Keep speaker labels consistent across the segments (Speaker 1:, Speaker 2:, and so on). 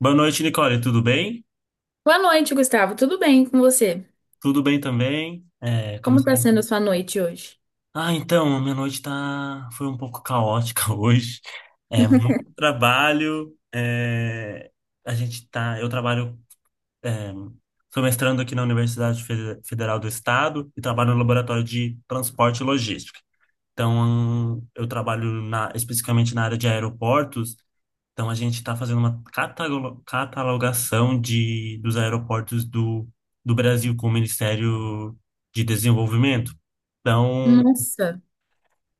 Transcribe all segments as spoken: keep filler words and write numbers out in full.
Speaker 1: Boa noite, Nicole. Tudo bem?
Speaker 2: Boa noite, Gustavo. Tudo bem com você?
Speaker 1: Tudo bem também. É,
Speaker 2: Como está
Speaker 1: começando-
Speaker 2: sendo a sua noite hoje?
Speaker 1: Ah, então, a minha noite tá... foi um pouco caótica hoje. É muito trabalho. é, A gente tá... Eu trabalho... é, Sou mestrando aqui na Universidade Fe- Federal do Estado e trabalho no laboratório de transporte e logística. Então, eu trabalho na... especificamente na área de aeroportos. Então a gente está fazendo uma catalo- catalogação de, dos aeroportos do, do Brasil com o Ministério de Desenvolvimento. Então,
Speaker 2: Nossa,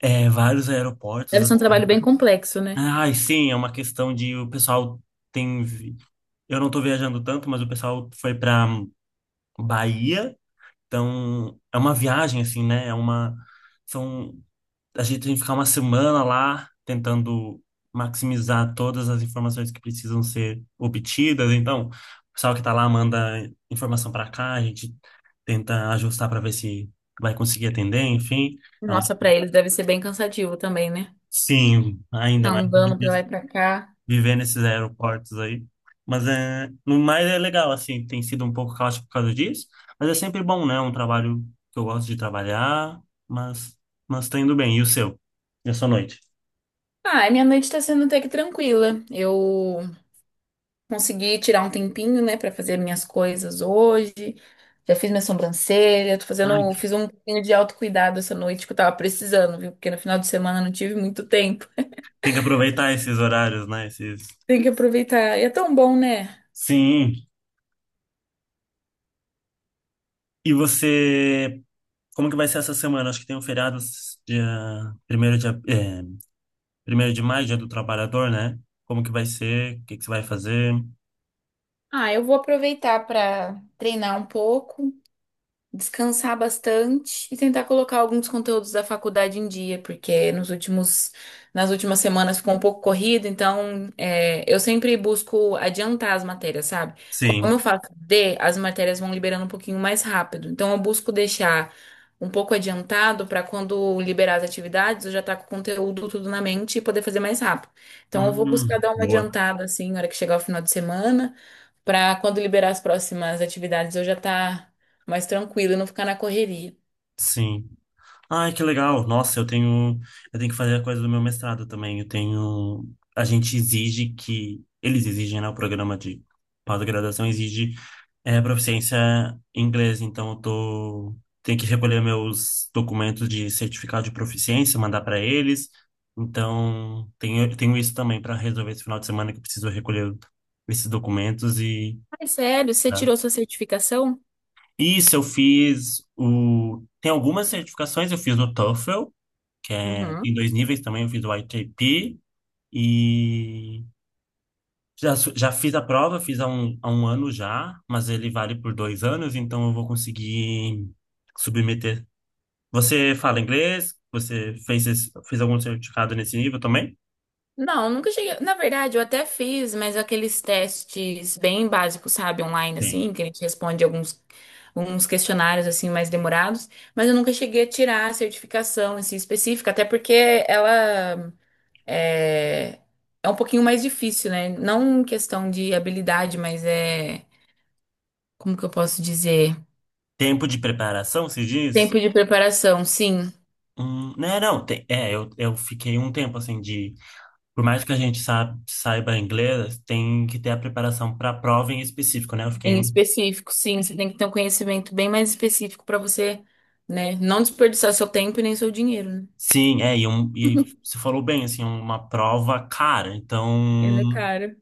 Speaker 1: é, vários aeroportos
Speaker 2: deve ser um trabalho
Speaker 1: assim.
Speaker 2: bem complexo, né?
Speaker 1: Ai, sim, é uma questão de o pessoal tem. Vi- eu não estou viajando tanto, mas o pessoal foi para Bahia. Então, é uma viagem assim, né? É uma são A gente tem que ficar uma semana lá tentando maximizar todas as informações que precisam ser obtidas. Então, o pessoal que está lá manda informação para cá, a gente tenta ajustar para ver se vai conseguir atender, enfim. Então,
Speaker 2: Nossa, para eles deve ser bem cansativo também, né?
Speaker 1: sim, ainda
Speaker 2: Tá
Speaker 1: mais viver
Speaker 2: andando pra lá
Speaker 1: nes-
Speaker 2: e pra cá.
Speaker 1: viver nesses aeroportos aí. Mas é, no mais é legal, assim, tem sido um pouco caótico por causa disso, mas é sempre bom, né? Um trabalho que eu gosto de trabalhar, mas mas tá indo bem. E o seu? E a sua noite?
Speaker 2: Ah, minha noite tá sendo até que tranquila. Eu consegui tirar um tempinho, né, pra fazer minhas coisas hoje. Já fiz minha sobrancelha, tô fazendo, fiz um pouquinho de autocuidado essa noite que eu tava precisando, viu? Porque no final de semana eu não tive muito tempo.
Speaker 1: Tem que aproveitar esses horários, né? Esses...
Speaker 2: Tem que aproveitar. E é tão bom, né?
Speaker 1: Sim. E você, como que vai ser essa semana? Acho que tem um feriado dia primeiro de, ap- é, primeiro de maio, Dia do Trabalhador, né? Como que vai ser? O que que você vai fazer?
Speaker 2: Ah, eu vou aproveitar para treinar um pouco descansar bastante e tentar colocar alguns conteúdos da faculdade em dia, porque nos últimos, nas últimas semanas ficou um pouco corrido, então é, eu sempre busco adiantar as matérias, sabe? Como eu
Speaker 1: Sim.
Speaker 2: faço D, as matérias vão liberando um pouquinho mais rápido, então eu busco deixar um pouco adiantado para quando liberar as atividades, eu já estar com o conteúdo tudo na mente e poder fazer mais rápido. Então eu vou buscar
Speaker 1: Hum,
Speaker 2: dar uma
Speaker 1: boa.
Speaker 2: adiantada assim, na hora que chegar o final de semana. Para quando liberar as próximas atividades, eu já estar mais tranquilo e não ficar na correria.
Speaker 1: Sim. Ai, que legal. Nossa, eu tenho, eu tenho que fazer a coisa do meu mestrado também. Eu tenho, a gente exige que, eles exigem, né, o programa de pós-graduação exige é, proficiência em inglês. Então, eu tô, tenho que recolher meus documentos de certificado de proficiência, mandar para eles. Então, tenho, tenho isso também para resolver esse final de semana que eu preciso recolher esses documentos e...
Speaker 2: Ai, sério? Você
Speaker 1: Tá.
Speaker 2: tirou sua certificação?
Speaker 1: Isso, eu fiz o. Tem algumas certificações, eu fiz o TOEFL, que é, tem
Speaker 2: Uhum.
Speaker 1: dois níveis também, eu fiz o I T P e já, su- já fiz a prova, fiz há um, há um ano já, mas ele vale por dois anos, então eu vou conseguir submeter. Você fala inglês? Você fez, esse- fez algum certificado nesse nível também?
Speaker 2: Não, nunca cheguei. Na verdade, eu até fiz, mas aqueles testes bem básicos, sabe, online,
Speaker 1: Tem.
Speaker 2: assim, que a gente responde alguns, alguns questionários, assim, mais demorados. Mas eu nunca cheguei a tirar a certificação, assim, específica, até porque ela é, é um pouquinho mais difícil, né? Não em questão de habilidade, mas é. Como que eu posso dizer?
Speaker 1: Tempo de preparação, se diz?
Speaker 2: Tempo de preparação, sim.
Speaker 1: Hum, né, não, tem, é, eu, eu fiquei um tempo assim de, por mais que a gente sa- saiba inglês, tem que ter a preparação para a prova em específico, né? Eu fiquei
Speaker 2: Em
Speaker 1: um...
Speaker 2: específico, sim, você tem que ter um conhecimento bem mais específico para você, né, não desperdiçar seu tempo e nem seu dinheiro, né?
Speaker 1: Sim, é, e, um, e você falou bem, assim, uma prova cara. Então,
Speaker 2: Ela é cara.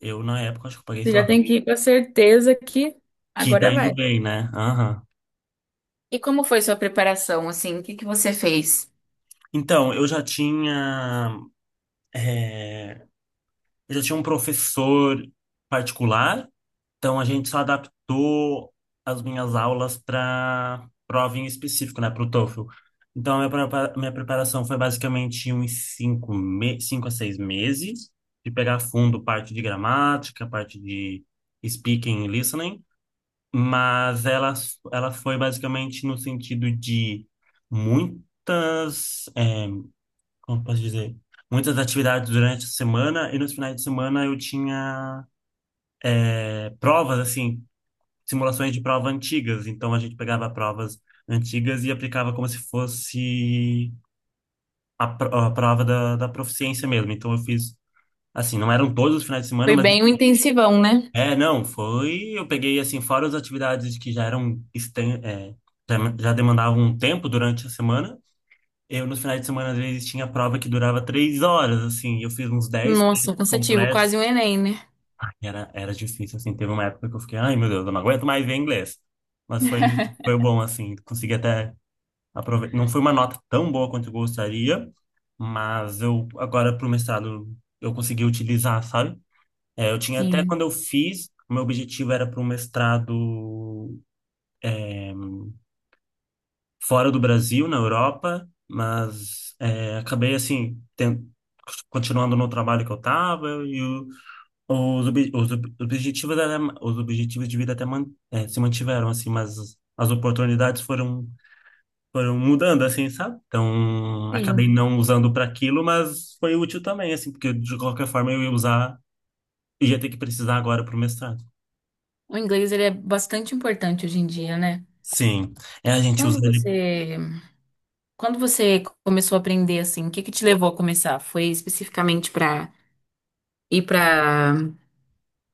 Speaker 1: eu na época acho que eu paguei,
Speaker 2: Você
Speaker 1: sei
Speaker 2: já
Speaker 1: lá,
Speaker 2: tem que ir com a certeza que
Speaker 1: que tá
Speaker 2: agora
Speaker 1: indo
Speaker 2: vai.
Speaker 1: bem, né? Aham.
Speaker 2: E como foi sua preparação, assim? O que que você fez?
Speaker 1: Então, eu já tinha. eh, eu já tinha um professor particular, então a gente só adaptou as minhas aulas para prova em específico, né, para o TOEFL. Então, a minha prepa- minha preparação foi basicamente uns cinco, me cinco a seis meses, de pegar fundo parte de gramática, parte de speaking e listening, mas ela, ela foi basicamente no sentido de muitas. Eh, como posso dizer, muitas atividades durante a semana e nos finais de semana eu tinha é, provas, assim, simulações de prova antigas. Então a gente pegava provas antigas e aplicava como se fosse a, pro- a prova da, da proficiência mesmo. Então eu fiz, assim, não eram todos os finais de semana,
Speaker 2: Foi
Speaker 1: mas...
Speaker 2: bem um intensivão, né?
Speaker 1: É, não, foi. Eu peguei, assim, fora as atividades que já eram, exten- é, já já demandavam um tempo durante a semana. Eu, nos finais de semana, às vezes, tinha prova que durava três horas, assim. Eu fiz uns dez testes
Speaker 2: Nossa, cansativo,
Speaker 1: completos.
Speaker 2: quase um Enem, né?
Speaker 1: Era, era difícil, assim. Teve uma época que eu fiquei, ai meu Deus, eu não aguento mais ver inglês. Mas foi, foi bom, assim. Consegui até aproveitar. Não foi uma nota tão boa quanto eu gostaria, mas eu, agora pro mestrado, eu consegui utilizar, sabe? É, eu tinha até quando
Speaker 2: Sim,
Speaker 1: eu fiz, o meu objetivo era para um mestrado fora do Brasil, na Europa, mas é, acabei, assim, ten- continuando no trabalho que eu estava. Os, obje- os ob- objetivos era, os objetivos de vida até man- eh, se mantiveram, assim, mas as oportunidades foram, foram mudando, assim, sabe? Então, acabei
Speaker 2: sim.
Speaker 1: não usando para aquilo, mas foi útil também, assim, porque de qualquer forma eu ia usar, ia ter que precisar agora para o mestrado.
Speaker 2: O inglês, ele é bastante importante hoje em dia, né?
Speaker 1: Sim, é, a gente usa
Speaker 2: Quando
Speaker 1: ele.
Speaker 2: você, quando você começou a aprender, assim, o que que te levou a começar? Foi especificamente para ir para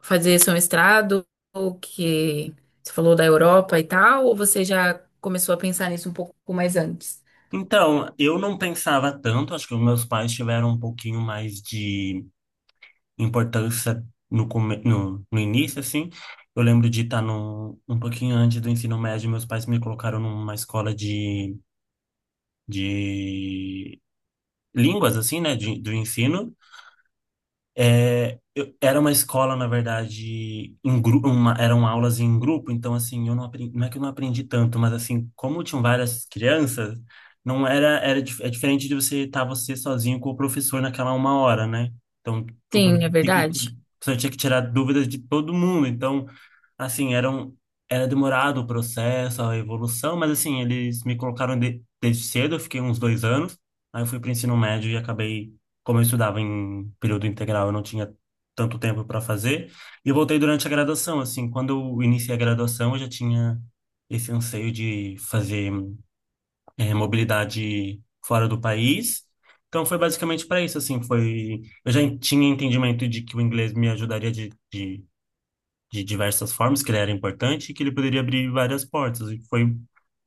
Speaker 2: fazer seu mestrado, ou que você falou da Europa e tal, ou você já começou a pensar nisso um pouco mais antes?
Speaker 1: Então, eu não pensava tanto, acho que os meus pais tiveram um pouquinho mais de importância no, come- no, no início, assim. Eu lembro de estar no, um pouquinho antes do ensino médio, meus pais me colocaram numa escola de, de línguas, assim, né, de, do ensino. É, eu- era uma escola, na verdade, em grupo, eram aulas em grupo, então, assim, eu não aprendi, não é que eu não aprendi tanto, mas, assim, como tinham várias crianças, não era, era, dif- é diferente de você estar você sozinho com o professor naquela uma hora, né? Então, o
Speaker 2: Sim, é
Speaker 1: professor tinha que, o
Speaker 2: verdade.
Speaker 1: professor tinha que tirar dúvidas de todo mundo, então, assim, era um, era demorado o processo, a evolução, mas assim, eles me colocaram de, desde cedo, eu fiquei uns dois anos, aí eu fui para o ensino médio e acabei, como eu estudava em período integral, eu não tinha tanto tempo para fazer, e eu voltei durante a graduação, assim, quando eu iniciei a graduação, eu já tinha esse anseio de fazer eh, mobilidade fora do país. Então foi basicamente para isso, assim, foi... Eu já tinha entendimento de que o inglês me ajudaria de, de diversas formas, que ele era importante e que ele poderia abrir várias portas. E foi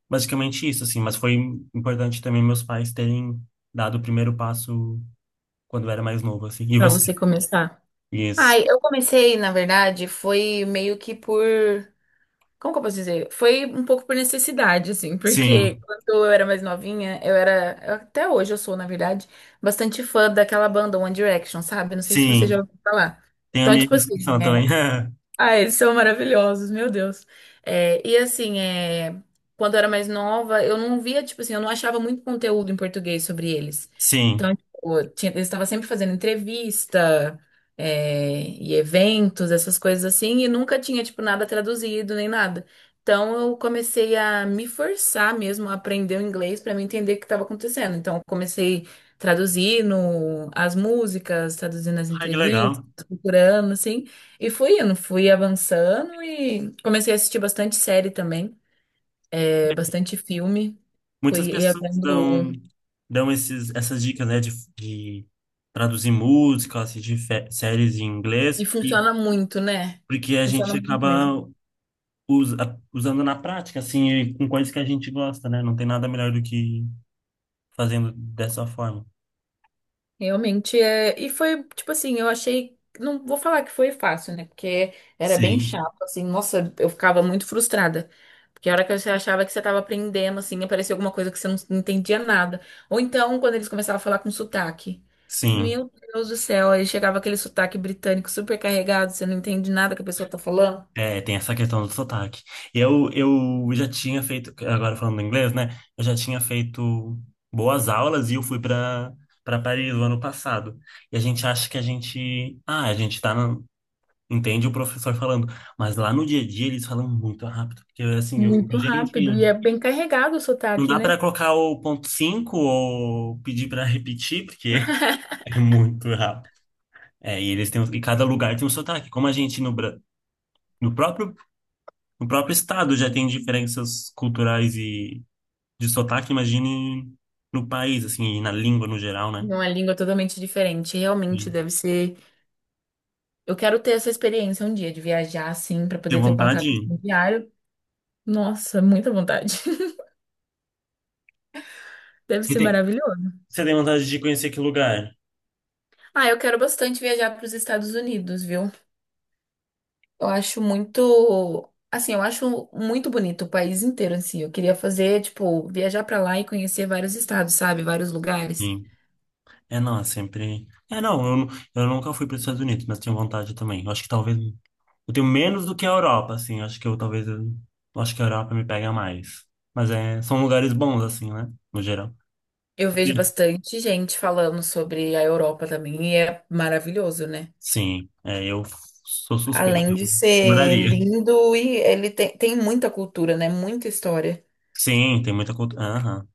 Speaker 1: basicamente isso, assim. Mas foi importante também meus pais terem dado o primeiro passo quando eu era mais novo, assim. E
Speaker 2: Para
Speaker 1: você?
Speaker 2: você começar.
Speaker 1: Isso.
Speaker 2: Ai, eu comecei, na verdade, foi meio que por. Como que eu posso dizer? Foi um pouco por necessidade, assim, porque
Speaker 1: Sim,
Speaker 2: quando eu era mais novinha, eu era. eu- Até hoje eu sou, na verdade, bastante fã daquela banda One Direction, sabe? Não sei se você já
Speaker 1: sim.
Speaker 2: ouviu falar.
Speaker 1: Tem
Speaker 2: Então, tipo
Speaker 1: amigos
Speaker 2: assim,
Speaker 1: que são também.
Speaker 2: né? Ah, eles são maravilhosos, meu Deus. É, e assim, é, quando eu era mais nova, eu não via, tipo assim, eu não achava muito conteúdo em português sobre eles.
Speaker 1: Sim.
Speaker 2: Então, tipo, tinha- eles estavam sempre fazendo entrevista, é, e eventos, essas coisas assim, e nunca tinha, tipo, nada traduzido nem nada. Então, eu comecei a me forçar mesmo a aprender o inglês para me entender o que estava acontecendo. Então, eu comecei traduzindo as músicas, traduzindo as
Speaker 1: Ai, que legal.
Speaker 2: entrevistas, procurando, assim. E fui indo, fui avançando e comecei a assistir bastante série também, é, bastante filme.
Speaker 1: Muitas
Speaker 2: Fui ia
Speaker 1: pessoas dão,
Speaker 2: vendo.
Speaker 1: dão esses, essas dicas, né, de, de traduzir músicas de fe- séries em inglês,
Speaker 2: E
Speaker 1: e,
Speaker 2: funciona muito, né?
Speaker 1: porque a
Speaker 2: Funciona
Speaker 1: gente
Speaker 2: muito mesmo.
Speaker 1: acaba usa- usando na prática, assim, e com coisas que a gente gosta, né? Não tem nada melhor do que fazendo dessa forma.
Speaker 2: Realmente é. E foi, tipo assim, eu achei. Não vou falar que foi fácil, né? Porque era bem
Speaker 1: Sim.
Speaker 2: chato, assim. Nossa, eu ficava muito frustrada. Porque a hora que você achava que você estava aprendendo, assim, aparecia alguma coisa que você não não entendia nada. Ou então, quando eles começavam a falar com sotaque.
Speaker 1: Sim,
Speaker 2: Meu Deus do céu, aí chegava aquele sotaque britânico super carregado, você não entende nada que a pessoa tá falando.
Speaker 1: é, tem essa questão do sotaque. Eu, eu já tinha feito, agora falando inglês, né? Eu já tinha feito boas aulas e eu fui para para Paris o ano passado. E a gente acha que a gente, ah, a gente tá na- entende o professor falando, mas lá no dia a dia eles falam muito rápido, porque assim, eu fico,
Speaker 2: Muito rápido. E
Speaker 1: gente,
Speaker 2: é bem carregado o
Speaker 1: não
Speaker 2: sotaque,
Speaker 1: dá para
Speaker 2: né?
Speaker 1: colocar o ponto cinco ou pedir para repetir, porque é muito rápido. É, e eles têm, e cada lugar tem um sotaque. Como a gente no, Bra- no próprio, no próprio estado já tem diferenças culturais e de sotaque, imagine no país, assim, e na língua no geral, né?
Speaker 2: Uma língua totalmente diferente. Realmente
Speaker 1: Sim.
Speaker 2: deve ser. Eu quero ter essa experiência um dia de viajar assim para
Speaker 1: Tem
Speaker 2: poder ter o contrato
Speaker 1: vontade?
Speaker 2: assim, diário. Nossa, muita vontade. Deve
Speaker 1: Você
Speaker 2: ser
Speaker 1: tem,
Speaker 2: maravilhoso.
Speaker 1: você tem vontade de conhecer que lugar?
Speaker 2: Ah, eu quero bastante viajar para os Estados Unidos, viu? Eu acho muito, assim, eu acho muito bonito o país inteiro em si. Eu queria fazer, tipo, viajar para lá e conhecer vários estados, sabe? Vários lugares.
Speaker 1: Sim. É, não, é sempre. É, não, eu, eu nunca fui para os Estados Unidos, mas tenho vontade também. Eu acho que talvez. Eu tenho menos do que a Europa, assim. Acho que eu talvez. Eu, acho que a Europa me pega mais. Mas é, são lugares bons, assim, né? No geral.
Speaker 2: Eu vejo bastante gente falando sobre a Europa também e é maravilhoso, né?
Speaker 1: Sim, é, eu sou suspeito.
Speaker 2: Além de
Speaker 1: Eu
Speaker 2: ser
Speaker 1: moraria.
Speaker 2: lindo e ele tem, tem muita cultura, né? Muita história.
Speaker 1: Sim, tem muita cultura. Aham.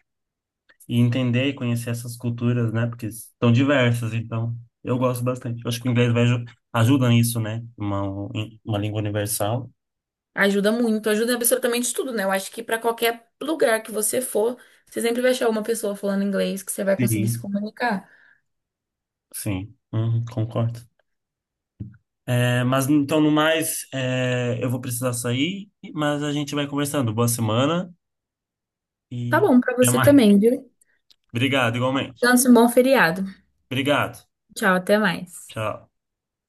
Speaker 1: E entender e conhecer essas culturas, né? Porque são diversas, então eu gosto bastante. Eu acho que o inglês vai aju- ajuda nisso, né? Uma, uma língua universal.
Speaker 2: Ajuda muito, ajuda em absolutamente tudo, né? Eu acho que pra qualquer lugar que você for, você sempre vai achar uma pessoa falando inglês que você vai conseguir se
Speaker 1: Sim.
Speaker 2: comunicar.
Speaker 1: Sim, uhum, concordo. É, mas então, no mais, é, eu vou precisar sair, mas a gente vai conversando. Boa semana
Speaker 2: Tá
Speaker 1: e
Speaker 2: bom pra
Speaker 1: até
Speaker 2: você
Speaker 1: mais.
Speaker 2: também, viu?
Speaker 1: Obrigado, igualmente.
Speaker 2: Então, um bom feriado.
Speaker 1: Obrigado.
Speaker 2: Tchau, até mais.
Speaker 1: Tchau.